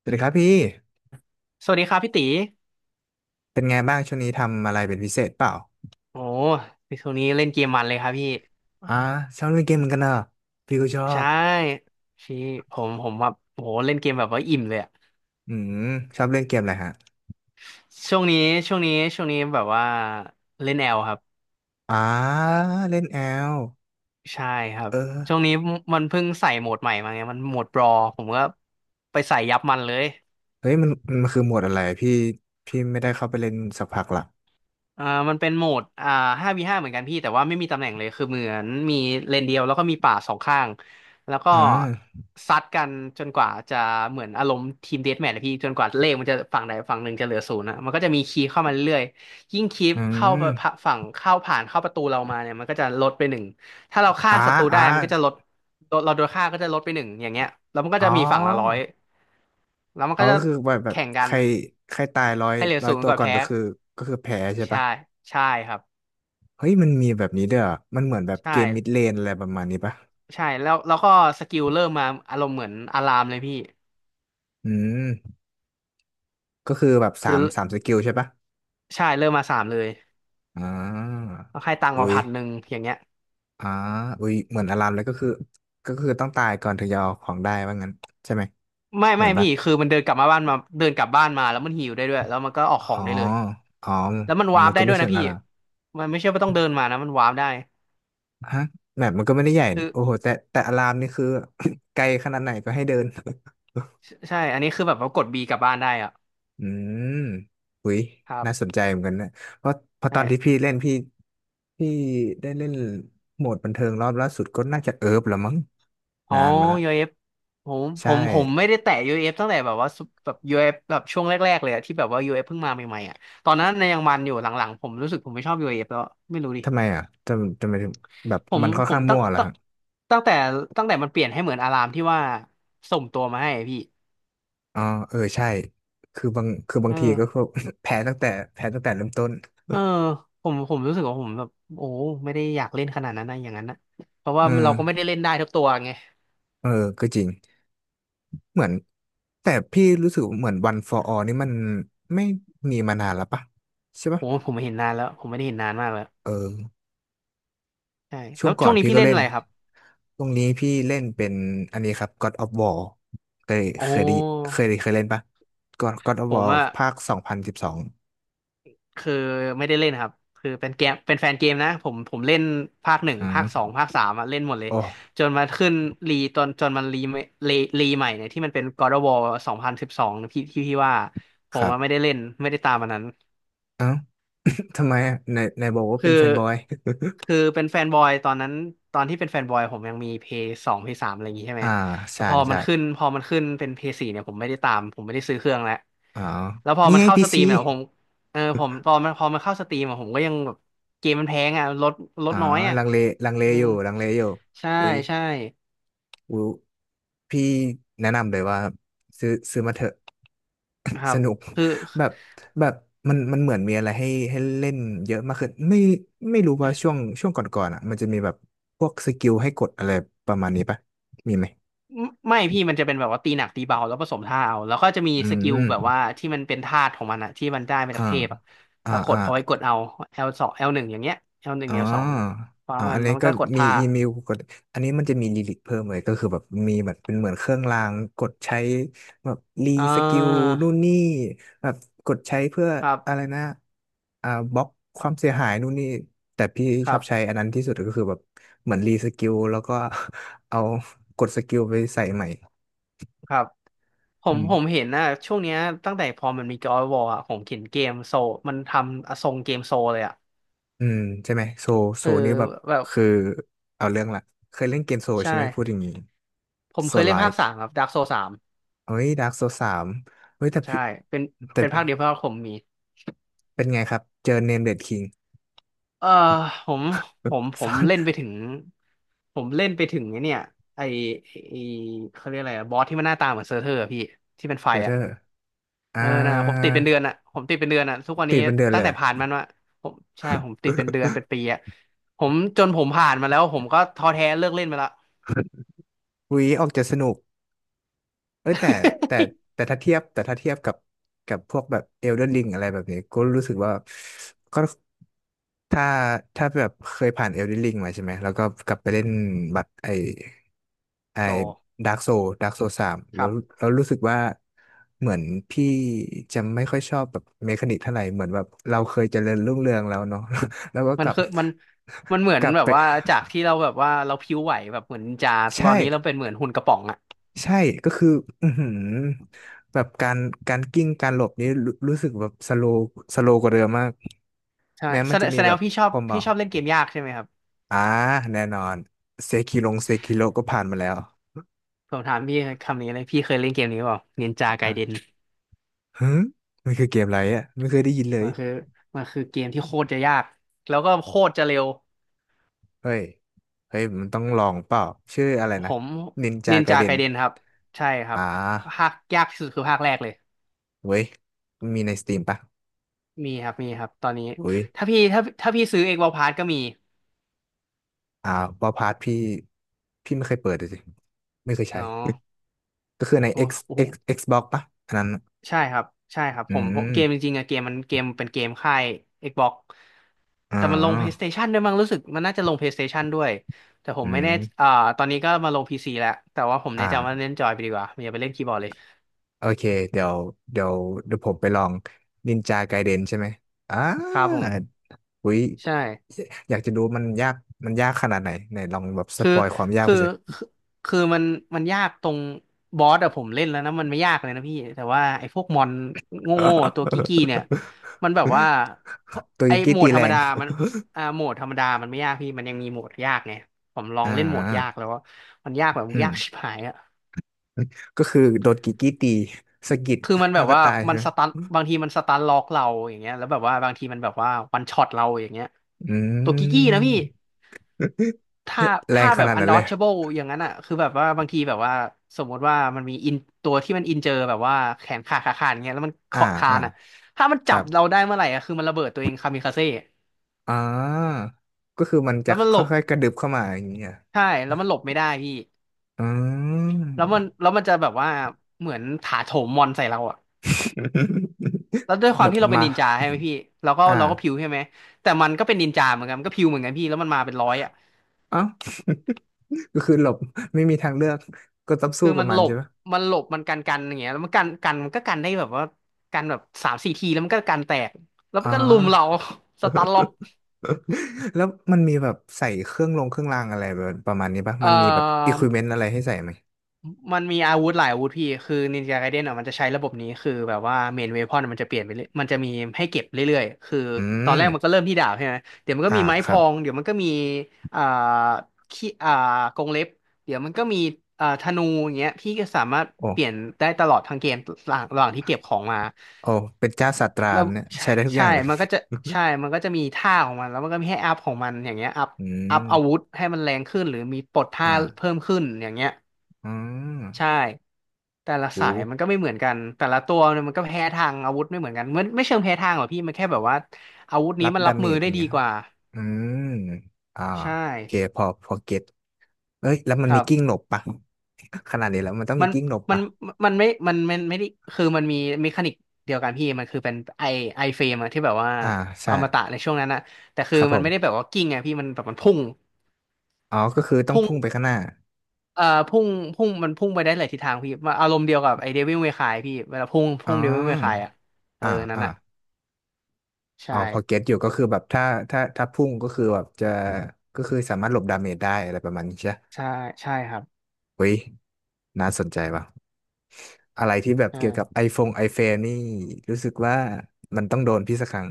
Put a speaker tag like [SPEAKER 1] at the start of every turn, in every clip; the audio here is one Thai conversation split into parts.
[SPEAKER 1] สวัสดีครับพี่
[SPEAKER 2] สวัสดีครับพี่ตี
[SPEAKER 1] เป็นไงบ้างช่วงนี้ทำอะไรเป็นพิเศษเปล่า
[SPEAKER 2] โอ้พี่ช่วงนี้เล่นเกมมันเลยครับพี่
[SPEAKER 1] อ่าชอบเล่นเกมเหมือนกันเนอะพี่ก็ชอ
[SPEAKER 2] ใช่
[SPEAKER 1] บ
[SPEAKER 2] พี่ผมแบบโอ้โหเล่นเกมแบบว่าอิ่มเลยอะ
[SPEAKER 1] อืมชอบเล่นเกมอะไรฮะ
[SPEAKER 2] ช่วงนี้ช่วงนี้แบบว่าเล่นแอลครับ
[SPEAKER 1] อ่าเล่นแอล
[SPEAKER 2] ใช่ครับ
[SPEAKER 1] เออ
[SPEAKER 2] ช่วงนี้มันเพิ่งใส่โหมดใหม่มาไงมันโหมดบรอผมก็ไปใส่ยับมันเลย
[SPEAKER 1] เฮ้ยมันคือโหมดอะไรพี่ไม่ได้เข้าไปเล่นสักพักละ
[SPEAKER 2] อ่ามันเป็นโหมด5v5 เหมือนกันพี่แต่ว่าไม่มีตำแหน่งเลยคือเหมือนมีเลนเดียวแล้วก็มีป่าสองข้างแล้วก็
[SPEAKER 1] อ่า
[SPEAKER 2] ซัดกันจนกว่าจะเหมือนอารมณ์ทีมเดธแมทนะพี่จนกว่าเลขมันจะฝั่งใดฝั่งหนึ่งจะเหลือศูนย์นะมันก็จะมีคีย์เข้ามาเรื่อยๆยิ่งคีย์
[SPEAKER 1] อื
[SPEAKER 2] เข้า
[SPEAKER 1] ม
[SPEAKER 2] ฝั่งเข้าผ่านเข้าประตูเรามาเนี่ยมันก็จะลดไปหนึ่งถ้าเราฆ่า
[SPEAKER 1] อ่า
[SPEAKER 2] ศัตรู
[SPEAKER 1] อ่า
[SPEAKER 2] ได้มันก็จะลดเราโดนฆ่าก็จะลดไปหนึ่งอย่างเงี้ยแล้วมันก็
[SPEAKER 1] อ๋
[SPEAKER 2] จะ
[SPEAKER 1] อ
[SPEAKER 2] มีฝั่งละ100แล้วมัน
[SPEAKER 1] อ๋อ
[SPEAKER 2] ก็จะ
[SPEAKER 1] ก็คือแบบ
[SPEAKER 2] แข่ง
[SPEAKER 1] ใค
[SPEAKER 2] กัน
[SPEAKER 1] รใครตายร้อย
[SPEAKER 2] ใครเหลือ
[SPEAKER 1] ร้อย
[SPEAKER 2] ศูน
[SPEAKER 1] ตั
[SPEAKER 2] ย์
[SPEAKER 1] ว
[SPEAKER 2] ก่อน
[SPEAKER 1] ก่อน
[SPEAKER 2] แพ้
[SPEAKER 1] ก็คือแพ้ใช่ปะ
[SPEAKER 2] ใช่ใช่ครับ
[SPEAKER 1] เฮ้ยมันมีแบบนี้ด้วยเหรอมันเหมือนแบบ
[SPEAKER 2] ใช่
[SPEAKER 1] เกมมิดเลนอะไรประมาณนี้ปะ
[SPEAKER 2] ใช่แล้วก็สกิลเริ่มมาอารมณ์เหมือนอารามเลยพี่
[SPEAKER 1] อืม ก็คือแบบสา
[SPEAKER 2] คือ
[SPEAKER 1] มสามสกิลใช่ปะ
[SPEAKER 2] ใช่เริ่มมาสามเลย
[SPEAKER 1] อ่า
[SPEAKER 2] แล้วให้ตังค์
[SPEAKER 1] อุ้
[SPEAKER 2] มา
[SPEAKER 1] ย
[SPEAKER 2] 1,100อย่างเงี้ย
[SPEAKER 1] อ่าอุ้ยเหมือนอารามเลยก็คือต้องตายก่อนถึงจะเอาของได้ว่างั้นใช่ไหม
[SPEAKER 2] ไม่
[SPEAKER 1] เหมื
[SPEAKER 2] ไม่
[SPEAKER 1] อนปะ
[SPEAKER 2] พี่คือมันเดินกลับมาบ้านมาเดินกลับบ้านมาแล้วมันหิวได้ด้วยแล้วมันก็ออก
[SPEAKER 1] อ๋อ
[SPEAKER 2] ของได้เลย
[SPEAKER 1] อ๋อ
[SPEAKER 2] แล้วมันวาร์
[SPEAKER 1] มั
[SPEAKER 2] ป
[SPEAKER 1] น
[SPEAKER 2] ได้
[SPEAKER 1] ก็
[SPEAKER 2] ด้
[SPEAKER 1] ไม่
[SPEAKER 2] วย
[SPEAKER 1] เชิ
[SPEAKER 2] นะ
[SPEAKER 1] ง
[SPEAKER 2] พี่
[SPEAKER 1] อาราม
[SPEAKER 2] มันไม่ใช่ว่าต้องเดินมานะมันวาร์ปได้
[SPEAKER 1] ฮะแมปมันก็ไม่ได้ใหญ่
[SPEAKER 2] คื
[SPEAKER 1] นะ
[SPEAKER 2] อ
[SPEAKER 1] โอ้โหแต่อารามนี่คือ ไกลขนาดไหนก็ให้เดิน
[SPEAKER 2] ใช่อันนี้คือแบบว่ากดบีกลับบ้านได้อะ
[SPEAKER 1] อืมอุ้ย
[SPEAKER 2] ครั
[SPEAKER 1] น่าสน
[SPEAKER 2] บ
[SPEAKER 1] ใจเหมือนกันนะเพราะต
[SPEAKER 2] ใช่
[SPEAKER 1] อนที่พี่เล่นพี่ได้เล่นโหมดบันเทิงรอบล่าสุดก็น่าจะเอิร์ฟแลวมั้ง
[SPEAKER 2] อ๋อ
[SPEAKER 1] นานมาละ
[SPEAKER 2] ยูเอฟผมผ
[SPEAKER 1] ใช่
[SPEAKER 2] มผมไม่ได้แตะยูเอฟตั้งแต่แบบว่าซุปแบบ UF แบบช่วงแรกๆเลยอะที่แบบว่า UF เอฟเพิ่งมาใหม่ๆอ่ะตอนนั้นในยยังมันอยู่หลังๆผมรู้สึกผมไม่ชอบ UF แล้วไม่รู้ดิ
[SPEAKER 1] ทำไมอ่ะทำไมถึงแบบ
[SPEAKER 2] ผม
[SPEAKER 1] มันค่อน
[SPEAKER 2] ผ
[SPEAKER 1] ข้า
[SPEAKER 2] ม
[SPEAKER 1] งมั่วเหรอฮะ
[SPEAKER 2] ตั้งแต่ตั้งแต่มันเปลี่ยนให้เหมือนอารามที่ว่าส่งตัวมาให้อะพี่
[SPEAKER 1] อ๋อเออ ใช่ คือบา
[SPEAKER 2] เอ
[SPEAKER 1] งทีก็คือ
[SPEAKER 2] อ
[SPEAKER 1] แพ้ตั้งแต่แพ้ตั้งแต่เริ่มต้น
[SPEAKER 2] เออผมรู้สึกว่าผมแบบโอ้ไม่ได้อยากเล่นขนาดนั้นนะอย่างนั้นนะเพราะว่า
[SPEAKER 1] เอ
[SPEAKER 2] เรา
[SPEAKER 1] อ
[SPEAKER 2] ก็ไม่ได้เล่นได้ทุกตัวไง
[SPEAKER 1] เออก็จริงเหมือนแต่พี่รู้สึกเหมือน One for All นี่มัน ไม่มีมานานแล้วปะใช่
[SPEAKER 2] ผ
[SPEAKER 1] ปะ
[SPEAKER 2] มผมไม่เห็นนานแล้วผมไม่ได้เห็นนานมากแล้ว
[SPEAKER 1] เออ
[SPEAKER 2] ใช่
[SPEAKER 1] ช่
[SPEAKER 2] แล้
[SPEAKER 1] วง
[SPEAKER 2] ว
[SPEAKER 1] ก่อ
[SPEAKER 2] ช่ว
[SPEAKER 1] น
[SPEAKER 2] งนี้
[SPEAKER 1] พี่
[SPEAKER 2] พี่
[SPEAKER 1] ก็
[SPEAKER 2] เล่น
[SPEAKER 1] เล่
[SPEAKER 2] อะ
[SPEAKER 1] น
[SPEAKER 2] ไรครับ
[SPEAKER 1] ตรงนี้พี่เล่นเป็น อันนี้ครับ God of War เคย
[SPEAKER 2] โอ้
[SPEAKER 1] เคยได้เคยเล่นปะ God of
[SPEAKER 2] ผม
[SPEAKER 1] War
[SPEAKER 2] อะ
[SPEAKER 1] ภาค2012
[SPEAKER 2] คือไม่ได้เล่นครับคือเป็นเกมเป็นแฟนเกมนะผมเล่นภาคห
[SPEAKER 1] อ
[SPEAKER 2] นึ่งภาคสอง
[SPEAKER 1] ่า
[SPEAKER 2] ภาคสามอะเล่นหมดเลย
[SPEAKER 1] โอ
[SPEAKER 2] จ
[SPEAKER 1] ้
[SPEAKER 2] นมาขึ้นรีตอนจนมันรีรีใหม่เนี่ยที่มันเป็น God of War 2012พี่ที่พี่ว่าผ
[SPEAKER 1] ค
[SPEAKER 2] ม
[SPEAKER 1] รับ
[SPEAKER 2] อะไม่ได้เล่นไม่ได้ตามมันนั้น
[SPEAKER 1] เอ้า ทำไมอะไหนไหนบอกว่า
[SPEAKER 2] คื
[SPEAKER 1] เป็
[SPEAKER 2] อ
[SPEAKER 1] นแฟนบอย
[SPEAKER 2] คือเป็นแฟนบอยตอนนั้นตอนที่เป็นแฟนบอยผมยังมีเพย์สองเพย์สามอะไรอย่างงี้ใช่ไหม
[SPEAKER 1] อ่า
[SPEAKER 2] แต่
[SPEAKER 1] ใช่
[SPEAKER 2] พอมั
[SPEAKER 1] ใช่
[SPEAKER 2] นขึ้นพอมันขึ้นเป็นเพย์สี่เนี่ยผมไม่ได้ตามผมไม่ได้ซื้อเครื่องแล้ว
[SPEAKER 1] อ๋อ
[SPEAKER 2] แล้วพอ
[SPEAKER 1] นี่
[SPEAKER 2] มัน
[SPEAKER 1] ไง
[SPEAKER 2] เข้า
[SPEAKER 1] พี
[SPEAKER 2] สตรี
[SPEAKER 1] ซี
[SPEAKER 2] มอ่ะผมเออผมพอมันเข้าสตรีมอ่ะผมก็ยังแบบเกมมันแพงอ่ะลด
[SPEAKER 1] อ๋อ
[SPEAKER 2] น้อยอ่ะ
[SPEAKER 1] ลังเล
[SPEAKER 2] เออ
[SPEAKER 1] ลังเลอยู่
[SPEAKER 2] ใช่
[SPEAKER 1] อุ้ย
[SPEAKER 2] ใช่
[SPEAKER 1] อุ้ยพี่แนะนำเลยว่าซื้อมาเถอะ
[SPEAKER 2] ครั
[SPEAKER 1] ส
[SPEAKER 2] บ
[SPEAKER 1] นุก
[SPEAKER 2] คือ
[SPEAKER 1] แบบแบบมันเหมือนมีอะไรให้เล่นเยอะมากขึ้นไม่รู้ว่าช่วงก่อนๆอ่ะมันจะมีแบบพวกสกิลให้กดอะไรประมาณนี้ปะมีไหม
[SPEAKER 2] ไม่ไม่พี่มันจะเป็นแบบว่าตีหนักตีเบาแล้วผสมท่าเอาแล้วก็จะมี
[SPEAKER 1] อื
[SPEAKER 2] สกิลแบบว่า
[SPEAKER 1] ม
[SPEAKER 2] ที่มันเป็นธาตุของมันอะที่มันได้มาจา
[SPEAKER 1] อ่า
[SPEAKER 2] กเทพอ่ะ
[SPEAKER 1] อ่า
[SPEAKER 2] แล้วก
[SPEAKER 1] อ่า
[SPEAKER 2] ดเอาไว้กดเอา L สอง L1อย่างเงี้ย L หนึ่ง
[SPEAKER 1] อ่
[SPEAKER 2] L2
[SPEAKER 1] า
[SPEAKER 2] พร้อม
[SPEAKER 1] อ่า
[SPEAKER 2] กั
[SPEAKER 1] อั
[SPEAKER 2] น
[SPEAKER 1] น
[SPEAKER 2] แล้
[SPEAKER 1] นี้
[SPEAKER 2] วมัน
[SPEAKER 1] ก็
[SPEAKER 2] ก็กด
[SPEAKER 1] มี
[SPEAKER 2] ท่า
[SPEAKER 1] อีเมลกดอันนี้มันจะมีลิลิกเพิ่มเลยก็คือแบบมีแบบเป็นเหมือนเครื่องรางกดใช้แบบรี
[SPEAKER 2] อ่
[SPEAKER 1] สกิลนู่น
[SPEAKER 2] า
[SPEAKER 1] นี่แบบกดใช้เพื่อ
[SPEAKER 2] ครั
[SPEAKER 1] อะไร
[SPEAKER 2] บ
[SPEAKER 1] นะบล็อกความเสียหายนู่นนี่แต่พี่
[SPEAKER 2] ค
[SPEAKER 1] ชอ
[SPEAKER 2] รั
[SPEAKER 1] บใช้
[SPEAKER 2] บ
[SPEAKER 1] อันนั้นที่สุดก็คือแบบเหมือนรีสกิลแล้วก็ เอากดสกิลไปใส่ใหม่
[SPEAKER 2] ครับ ผม
[SPEAKER 1] อืม
[SPEAKER 2] ผมเห็นนะช่วงเนี้ยตั้งแต่พอมันมีจอยวอลอ่ะผมเห็นเกมโซลมันทำอทรงเกมโซลเลยอ่ะ
[SPEAKER 1] อืมใช่ไหมโซ
[SPEAKER 2] คือ
[SPEAKER 1] นี่แบบ
[SPEAKER 2] แบบ
[SPEAKER 1] คือเอาเรื่องละเคยเล่นเกมโซ
[SPEAKER 2] ใช่
[SPEAKER 1] ใช่ไหมพูดอย่างนี้
[SPEAKER 2] ผม
[SPEAKER 1] โซ
[SPEAKER 2] เคย
[SPEAKER 1] ไล
[SPEAKER 2] เล่นภาค
[SPEAKER 1] ค์
[SPEAKER 2] สามครับดาร์กโซสาม
[SPEAKER 1] เฮ้ยดาร์กโซสามเฮ้ย แต่
[SPEAKER 2] ใช่
[SPEAKER 1] พี่
[SPEAKER 2] เป็น
[SPEAKER 1] แต่
[SPEAKER 2] เป็นภาคเดียวเพราะว่าผมมี
[SPEAKER 1] เป็นไงครับ เจอเนมเดดคิง
[SPEAKER 2] เออผมผมผ
[SPEAKER 1] ฟ อ
[SPEAKER 2] ม
[SPEAKER 1] น
[SPEAKER 2] เล่นไปถึงไอ้เนี่ยไอไอเขาเรียกอะไรอะบอสที่มันหน้าตาเหมือนเซอร์เทอร์อะพี่ที่เป็นไฟ
[SPEAKER 1] เดอ
[SPEAKER 2] อ่ะ
[SPEAKER 1] ร์อ่า
[SPEAKER 2] เออนะผมติดเป็นเดือนอ่ะผมติดเป็นเดือนอ่ะทุกวัน
[SPEAKER 1] ติ
[SPEAKER 2] นี้
[SPEAKER 1] ดเป็นเดือน
[SPEAKER 2] ตั้
[SPEAKER 1] เล
[SPEAKER 2] ง
[SPEAKER 1] ยเหร
[SPEAKER 2] แต่
[SPEAKER 1] อะ
[SPEAKER 2] ผ่านมันวะผมใช่ผมติดเป็นเดือนเป็นปีอ่ะผมจนผมผ่านมาแล้วผมก็ท้อแท้เลิกเล่นไปละ
[SPEAKER 1] วีออกจะสนุก เอ้ยแต่ แต่ถ้าเทียบกับพวกแบบเอลเดนริงอะไรแบบนี้ก็รู้สึกว่าก็ถ้าถ้าแบบเคยผ่านเอลเดนริงมาใช่ไหมแล้วก็กลับไปเล่นบัตรไอ
[SPEAKER 2] โต
[SPEAKER 1] ดาร์กโซดาร์กโซสาม
[SPEAKER 2] ค
[SPEAKER 1] แล้
[SPEAKER 2] รั
[SPEAKER 1] ว
[SPEAKER 2] บ
[SPEAKER 1] แล้วรู้สึกว่าเหมือนพี่จะไม่ค่อยชอบแบบเมคานิกเท่าไหร่เหมือนแบบเราเคยเจริญรุ่งเรืองแล้วเนาะ แล้วก็
[SPEAKER 2] มั
[SPEAKER 1] ก
[SPEAKER 2] น
[SPEAKER 1] ลับ
[SPEAKER 2] คือมันเหมือน
[SPEAKER 1] กลับ
[SPEAKER 2] แบบ
[SPEAKER 1] ไป
[SPEAKER 2] ว่าจากที่เราแบบว่าเราพริ้วไหวแบบเหมือนนินจาต
[SPEAKER 1] ใช่
[SPEAKER 2] อนนี้เราเป็นเหมือนหุ่นกระป๋องอ่ะ
[SPEAKER 1] ใช่ก็คืออือหือแบบการกิ้งการหลบนี้รู้สึกแบบสโลกว่าเดิมมาก
[SPEAKER 2] ใช่
[SPEAKER 1] แม้
[SPEAKER 2] แส
[SPEAKER 1] มัน
[SPEAKER 2] ด
[SPEAKER 1] จะ
[SPEAKER 2] ง
[SPEAKER 1] มี
[SPEAKER 2] แสด
[SPEAKER 1] แบ
[SPEAKER 2] ง
[SPEAKER 1] บ
[SPEAKER 2] ว่าพี่ชอบ
[SPEAKER 1] ความเบอ
[SPEAKER 2] พี่
[SPEAKER 1] ก
[SPEAKER 2] ชอบเล่นเกมยากใช่ไหมครับ
[SPEAKER 1] อ่าแน่นอนเซคิโลก็ผ่านมาแล้ว
[SPEAKER 2] ผมถามพี่คำนี้เลยพี่เคยเล่นเกมนี้เปล่านินจาไกเดน
[SPEAKER 1] อ่ะฮึมันคือเกมอะไรอ่ะไม่เคยได้ยินเล
[SPEAKER 2] มั
[SPEAKER 1] ย
[SPEAKER 2] นคือมันคือเกมที่โคตรจะยากแล้วก็โคตรจะเร็ว
[SPEAKER 1] เฮ้ยเฮ้ยมันต้องลองเปล่าชื่ออะไร
[SPEAKER 2] ผ
[SPEAKER 1] นะ
[SPEAKER 2] ม
[SPEAKER 1] นินจา
[SPEAKER 2] นิน
[SPEAKER 1] ไก
[SPEAKER 2] จา
[SPEAKER 1] เด
[SPEAKER 2] ไก
[SPEAKER 1] น
[SPEAKER 2] เดนครับใช่ครั
[SPEAKER 1] อ่
[SPEAKER 2] บ
[SPEAKER 1] า
[SPEAKER 2] ภาคยากที่สุดคือภาคแรกเลย
[SPEAKER 1] เว้ยมีในสตรีมปะ
[SPEAKER 2] มีครับมีครับตอนนี้
[SPEAKER 1] อุ้ย
[SPEAKER 2] ถ้าพี่ซื้อเอกวอลพาร์ก็มี
[SPEAKER 1] อ่าว่าพาร์ทพี่ไม่เคยเปิดเลยสิไม่เคยใช้
[SPEAKER 2] เนาะ
[SPEAKER 1] ก็คือใน
[SPEAKER 2] โอ้ โห
[SPEAKER 1] X Xbox ปะอันนั้น
[SPEAKER 2] ใช่ครับใช่ครับ
[SPEAKER 1] อื
[SPEAKER 2] ผมเกมจ
[SPEAKER 1] ม
[SPEAKER 2] ริงๆอะเกมมันเกมเป็นเกมค่าย Xbox
[SPEAKER 1] อ๋อ
[SPEAKER 2] แต่มันลง PlayStation ด้วยมั้งรู้สึกมันน่าจะลง PlayStation ด้วยแต่ผ
[SPEAKER 1] อื
[SPEAKER 2] มไม่
[SPEAKER 1] ม
[SPEAKER 2] แน่อ่าตอนนี้ก็มาลง PC แล้วแต่ว่าผมแนะ
[SPEAKER 1] อ่า
[SPEAKER 2] นำว่าเล่นจอยไปดีกว่าอย่าไปเล่นคีย์บอร์ดเลย
[SPEAKER 1] โอเคเดี๋ยวเดี๋ยวเดี๋ยวผมไปลองนินจาไกเดนใช่ไหมอ่า
[SPEAKER 2] ครับผม
[SPEAKER 1] อุ้ย
[SPEAKER 2] ใช่
[SPEAKER 1] อยากจะดูมันยากขนาดไหนไหนลองแบบส
[SPEAKER 2] คือ
[SPEAKER 1] ปอยความยาก
[SPEAKER 2] คื
[SPEAKER 1] ไป
[SPEAKER 2] อ
[SPEAKER 1] สิ
[SPEAKER 2] คือคือมันยากตรงบอสอะผมเล่นแล้วนะมันไม่ยากเลยนะพี่แต่ว่าไอ้พวกมอนโง่ๆตัวกี้ๆเนี่ยมันแบบว่า
[SPEAKER 1] ตัว
[SPEAKER 2] ไอ้
[SPEAKER 1] กิกกี้
[SPEAKER 2] โหม
[SPEAKER 1] ตี
[SPEAKER 2] ดธร
[SPEAKER 1] แร
[SPEAKER 2] รม
[SPEAKER 1] ง
[SPEAKER 2] ดามันโหมดธรรมดามันไม่ยากพี่มันยังมีโหมดยากไงผมลอ
[SPEAKER 1] อ่
[SPEAKER 2] งเล่นโหมดยาก
[SPEAKER 1] า
[SPEAKER 2] แล้วว่ามันยากแบบ
[SPEAKER 1] อืม
[SPEAKER 2] ยากชิบหายอะ
[SPEAKER 1] ก็คือโดนกิกกี้ตีสะกิด
[SPEAKER 2] คือมันแบ
[SPEAKER 1] แล้ว
[SPEAKER 2] บ
[SPEAKER 1] ก็
[SPEAKER 2] ว่า
[SPEAKER 1] ตาย
[SPEAKER 2] มั
[SPEAKER 1] ใช่
[SPEAKER 2] น
[SPEAKER 1] ไหม
[SPEAKER 2] สตันบางทีมันสตันล็อกเราอย่างเงี้ยแล้วแบบว่าบางทีมันแบบว่าวันช็อตเราอย่างเงี้ย
[SPEAKER 1] อื
[SPEAKER 2] ตัวกกกี้นะพี่
[SPEAKER 1] ม
[SPEAKER 2] ถ้า
[SPEAKER 1] แรง
[SPEAKER 2] ถ้า
[SPEAKER 1] ข
[SPEAKER 2] แบบ
[SPEAKER 1] นาดนั้นเลย
[SPEAKER 2] undodgeable อย่างนั้นอ่ะคือแบบว่าบางทีแบบว่าสมมติว่ามันมีอินตัวที่มันอินเจอแบบว่าแขนขาขาขาดอย่างเงี้ยแล้วมัน
[SPEAKER 1] อ่า
[SPEAKER 2] เคาะคา
[SPEAKER 1] อ่า
[SPEAKER 2] นอ่ะถ้ามัน
[SPEAKER 1] ค
[SPEAKER 2] จั
[SPEAKER 1] รั
[SPEAKER 2] บ
[SPEAKER 1] บ
[SPEAKER 2] เราได้เมื่อไหร่อ่ะคือมันระเบิดตัวเองคามิคาเซ่
[SPEAKER 1] อ่าก็คือมัน
[SPEAKER 2] แล้
[SPEAKER 1] จะ
[SPEAKER 2] วมันหลบ
[SPEAKER 1] ค่อยๆกระดึบเข้ามาอย่างเงี้ย
[SPEAKER 2] ใช่แล้วมันหลบไม่ได้พี่
[SPEAKER 1] อ่า
[SPEAKER 2] แล้วมันจะแบบว่าเหมือนถาโถมมอนใส่เราอ่ะแล้วด้วยค
[SPEAKER 1] แบ
[SPEAKER 2] วาม
[SPEAKER 1] บ
[SPEAKER 2] ที่เราเป็น
[SPEAKER 1] มา
[SPEAKER 2] นินจาใช่ไหมพี่เราก็
[SPEAKER 1] อ่า
[SPEAKER 2] เราก็พิวใช่ไหมแต่มันก็เป็นนินจาเหมือนกันมันก็พิวเหมือนกันพี่แล้วมันมาเป็นร้อยอ่ะ
[SPEAKER 1] เอ้า ก็คือหลบไม่มีทางเลือกก็ต้องสู้
[SPEAKER 2] คือ
[SPEAKER 1] กับ
[SPEAKER 2] มัน
[SPEAKER 1] มั
[SPEAKER 2] ห
[SPEAKER 1] น
[SPEAKER 2] ล
[SPEAKER 1] ใช่
[SPEAKER 2] บ
[SPEAKER 1] ไหม
[SPEAKER 2] มันหลบมันกันกันอย่างเงี้ยแล้วมันกันกันมันก็กันได้แบบว่ากันแบบสามสี่ทีแล้วมันก็กันแตก แล้ว
[SPEAKER 1] อ่
[SPEAKER 2] มันก็ลุมเรา
[SPEAKER 1] า
[SPEAKER 2] สตันล็อก
[SPEAKER 1] แล้วมันมีแบบใส่เครื่องรางอะไรแบบประมาณนี้ปะ
[SPEAKER 2] เอ่
[SPEAKER 1] มันมีแบบอิ
[SPEAKER 2] อ
[SPEAKER 1] ควิเมนต์อะไรให้ใส่ไหม
[SPEAKER 2] มันมีอาวุธหลายอาวุธพี่ คือนินจาไกเดนอ่ะมันจะใช้ระบบนี้คือแบบว่าเมนเวพอนมันจะเปลี่ยนไปเรื่อยมันจะมีให้เก็บเรื่อยๆ คือ
[SPEAKER 1] อื
[SPEAKER 2] ตอนแร
[SPEAKER 1] ม
[SPEAKER 2] กมันก็เริ่มที่ดาบใช่ไหมเดี๋ยวมันก็
[SPEAKER 1] อ่า
[SPEAKER 2] มีไม้
[SPEAKER 1] ค
[SPEAKER 2] พ
[SPEAKER 1] รับ
[SPEAKER 2] องเดี๋ยวมันก็มีอ่าขี้กรงเล็บ เดี๋ยวมันก็มีธนูอย่างเงี้ยพี่ก็สามารถ
[SPEAKER 1] โอ
[SPEAKER 2] เปลี่ยน
[SPEAKER 1] ้
[SPEAKER 2] ได้ตลอดทั้งเกมระหว่างระหว่างที่เก็บของมา
[SPEAKER 1] โอ้เป็นเจ้าสัตรา
[SPEAKER 2] แล้
[SPEAKER 1] ม
[SPEAKER 2] ว
[SPEAKER 1] เนี่ย
[SPEAKER 2] ใช่
[SPEAKER 1] ใช้ได้ทุกอ
[SPEAKER 2] ใช่
[SPEAKER 1] ย่างเลย
[SPEAKER 2] มันก็จะมันก็จะมีท่าของมันแล้วมันก็มีให้อัพของมันอย่างเงี้ยอัพ
[SPEAKER 1] อื
[SPEAKER 2] อัพ
[SPEAKER 1] ม
[SPEAKER 2] อาวุธให้มันแรงขึ้นหรือมีปลดท่า
[SPEAKER 1] อ่า
[SPEAKER 2] เพิ่มขึ้นอย่างเงี้ย
[SPEAKER 1] อืม
[SPEAKER 2] ใช่แต่ละ
[SPEAKER 1] โอ้
[SPEAKER 2] สายมันก็ไม่เหมือนกันแต่ละตัวเนี่ยมันก็แพ้ทางอาวุธไม่เหมือนกันมันไม่เชิงแพ้ทางหรอกพี่มันแค่แบบว่าอาวุธนี้
[SPEAKER 1] รับ
[SPEAKER 2] มัน
[SPEAKER 1] ดา
[SPEAKER 2] รับ
[SPEAKER 1] เม
[SPEAKER 2] มือ
[SPEAKER 1] จอ
[SPEAKER 2] ได้
[SPEAKER 1] ย่าง
[SPEAKER 2] ดี
[SPEAKER 1] เงี้ยค
[SPEAKER 2] ก
[SPEAKER 1] รับ
[SPEAKER 2] ว่า
[SPEAKER 1] อืมอ่า
[SPEAKER 2] ใช่
[SPEAKER 1] โอเคพอเก็ตเอ้ยแล้วมัน
[SPEAKER 2] ค
[SPEAKER 1] มี
[SPEAKER 2] รับ
[SPEAKER 1] กิ้งหลบปะ ขนาดนี้แล้วมันต้องมี
[SPEAKER 2] มัน
[SPEAKER 1] กิ้งหลบ
[SPEAKER 2] มัน
[SPEAKER 1] ปะ
[SPEAKER 2] มันไม่ได้คือมันมีเมคานิกเดียวกันพี่มันคือเป็นไอเฟรมอะที่แบบว่า
[SPEAKER 1] อ่าใช่
[SPEAKER 2] อมตะในช่วงนั้นอะแต่
[SPEAKER 1] ค
[SPEAKER 2] คือ
[SPEAKER 1] รับผ
[SPEAKER 2] มันไม่ได้แบ
[SPEAKER 1] ม
[SPEAKER 2] บว่ากิ้งไงพี่มันแบบมันพุ่ง
[SPEAKER 1] อ๋อก็คือต้อง
[SPEAKER 2] พุ่ง
[SPEAKER 1] พุ่งไปข้างหน้า
[SPEAKER 2] เอ่อพุ่งพุ่งมันพุ่งไปได้หลายทิศทางพี่มันอารมณ์เดียวกับไอเดวิลเมคายพี่เวลาพุ่ง
[SPEAKER 1] อ๋
[SPEAKER 2] พุ่
[SPEAKER 1] อ
[SPEAKER 2] งเดวิลเมคายอะเออ
[SPEAKER 1] อ่า
[SPEAKER 2] นั่น
[SPEAKER 1] อ่า
[SPEAKER 2] อะ
[SPEAKER 1] อ๋
[SPEAKER 2] ใช่
[SPEAKER 1] อพอเก็ตอยู่ก็คือแบบถ้าพุ่งก็คือแบบจะ ก็คือสามารถหลบดาเมจได้อะไรประมาณนี้ใช่ไห
[SPEAKER 2] ใช่ใช่ครับ
[SPEAKER 1] เฮ้ยน่าสนใจว่ะอะไรที่แบบเกี่ยวกับ
[SPEAKER 2] ใช่
[SPEAKER 1] ไอเฟนนี่รู้สึกว่ามันต้องโดนพี่สักครั้ง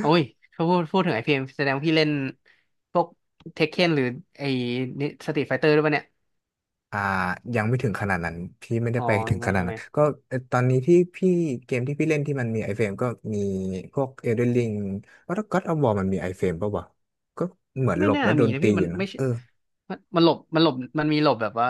[SPEAKER 2] โอ้ยถ้าพูดถึงไอพีเอ็มแสดงว่าพี่เล่นพวกเทคเคนหรือไอสตรีทไฟเตอร์ด้วยป่ะเนี่ย
[SPEAKER 1] อ่ายังไม่ถึงขนาดนั้นพี่ไม่ได้
[SPEAKER 2] อ๋อ
[SPEAKER 1] ไปถึงข
[SPEAKER 2] ไม่
[SPEAKER 1] นาด
[SPEAKER 2] ใช่ไห
[SPEAKER 1] นั้
[SPEAKER 2] ม
[SPEAKER 1] นก็ตอนนี้เกมที่พี่เล่นที่มันมีไอเฟรมก็มีพวก Elden Ring ว่าถ้า God of War มันมีไอเฟรมป่าววะก็เหมือนห
[SPEAKER 2] ไม่
[SPEAKER 1] ลบ
[SPEAKER 2] น่า
[SPEAKER 1] แล้วโด
[SPEAKER 2] มี
[SPEAKER 1] น
[SPEAKER 2] นะ
[SPEAKER 1] ตี
[SPEAKER 2] พี่
[SPEAKER 1] อ
[SPEAKER 2] มั
[SPEAKER 1] ยู่
[SPEAKER 2] น
[SPEAKER 1] นะ
[SPEAKER 2] ไม่ใช่
[SPEAKER 1] เออ
[SPEAKER 2] มันหลบมันมีหลบแบบว่า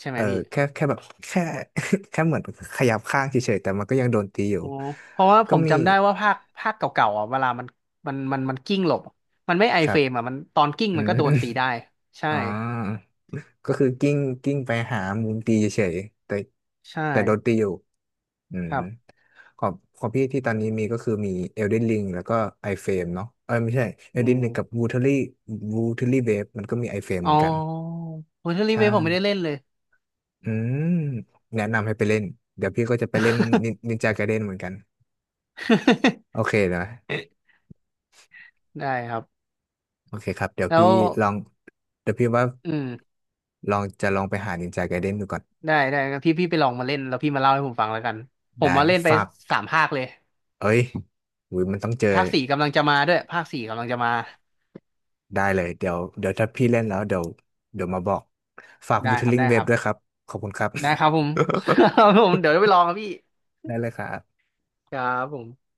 [SPEAKER 2] ใช่ไห
[SPEAKER 1] เอ
[SPEAKER 2] ม
[SPEAKER 1] อ
[SPEAKER 2] พี่
[SPEAKER 1] แค่แบบแค่ แค่เหมือนขยับข้างเฉยๆแต่มันก็ยังโดนตีอยู่
[SPEAKER 2] อ๋อเพราะว่าผ
[SPEAKER 1] ก็
[SPEAKER 2] ม
[SPEAKER 1] มี
[SPEAKER 2] จำได้ว่าภาคเก่าๆอ่ะเวลามันมันกิ้งหลบมันไม่ไอ
[SPEAKER 1] ครั
[SPEAKER 2] เฟ
[SPEAKER 1] บ
[SPEAKER 2] รมอ่ะมันตอนกิ้ง
[SPEAKER 1] อื
[SPEAKER 2] มัน
[SPEAKER 1] ม
[SPEAKER 2] ก็โดนตีได้ใช่
[SPEAKER 1] อ๋อ ก็คือกิ้งไปหามุมตีเฉยๆแต่
[SPEAKER 2] ใช่
[SPEAKER 1] แต่โดนตีอยู่อืม
[SPEAKER 2] ครับ
[SPEAKER 1] ของของพี่ที่ตอนนี้มีก็คือมี Elden Ring แล้วก็ iFrame เนาะเออไม่ใช่
[SPEAKER 2] อื
[SPEAKER 1] Elden
[SPEAKER 2] ม
[SPEAKER 1] Ring กับ Watery Wave มันก็มี iFrame
[SPEAKER 2] อ๋
[SPEAKER 1] เห
[SPEAKER 2] อ
[SPEAKER 1] มือนกัน
[SPEAKER 2] โฮเทลรี
[SPEAKER 1] ใช่
[SPEAKER 2] เวผมไม่ได้เล่นเลย
[SPEAKER 1] อืมแนะนำให้ไปเล่นเดี๋ยวพี่ก็จะไปเล่นนินจา g a เด e n เหมือนกันโอเคนะ
[SPEAKER 2] ได้ครับ
[SPEAKER 1] โอเคครับเดี๋ยว
[SPEAKER 2] แล้
[SPEAKER 1] พี่
[SPEAKER 2] ว
[SPEAKER 1] ลองเดี๋ยวพี่ว่า
[SPEAKER 2] อืม
[SPEAKER 1] ลองจะลองไปหานินจา g a เด e n ดูก่อน
[SPEAKER 2] ได้งั้นพี่ไปลองมาเล่นแล้วพี่มาเล่าให้ผมฟังแล้วกัน ผม
[SPEAKER 1] ได้
[SPEAKER 2] มาเล่นไป
[SPEAKER 1] ฝาก
[SPEAKER 2] สามภาคเลย
[SPEAKER 1] เอ้ยอุ้ยมันต้องเจอ
[SPEAKER 2] ภาคสี่กำลังจะมาด้วยภาคสี่กำลังจะมา
[SPEAKER 1] ได้เลยเดี๋ยวถ้าพี่เล่นแล้วเดี๋ยวมาบอกฝาก
[SPEAKER 2] ได้ครับ
[SPEAKER 1] Wuthering
[SPEAKER 2] ได้ค
[SPEAKER 1] Waves
[SPEAKER 2] รับ
[SPEAKER 1] ด้วยครับขอบคุณครับ
[SPEAKER 2] ได้ครับผม ครั บผมเดี๋ยวไปลองครับพี่
[SPEAKER 1] ได้เลยครับ
[SPEAKER 2] ครับผม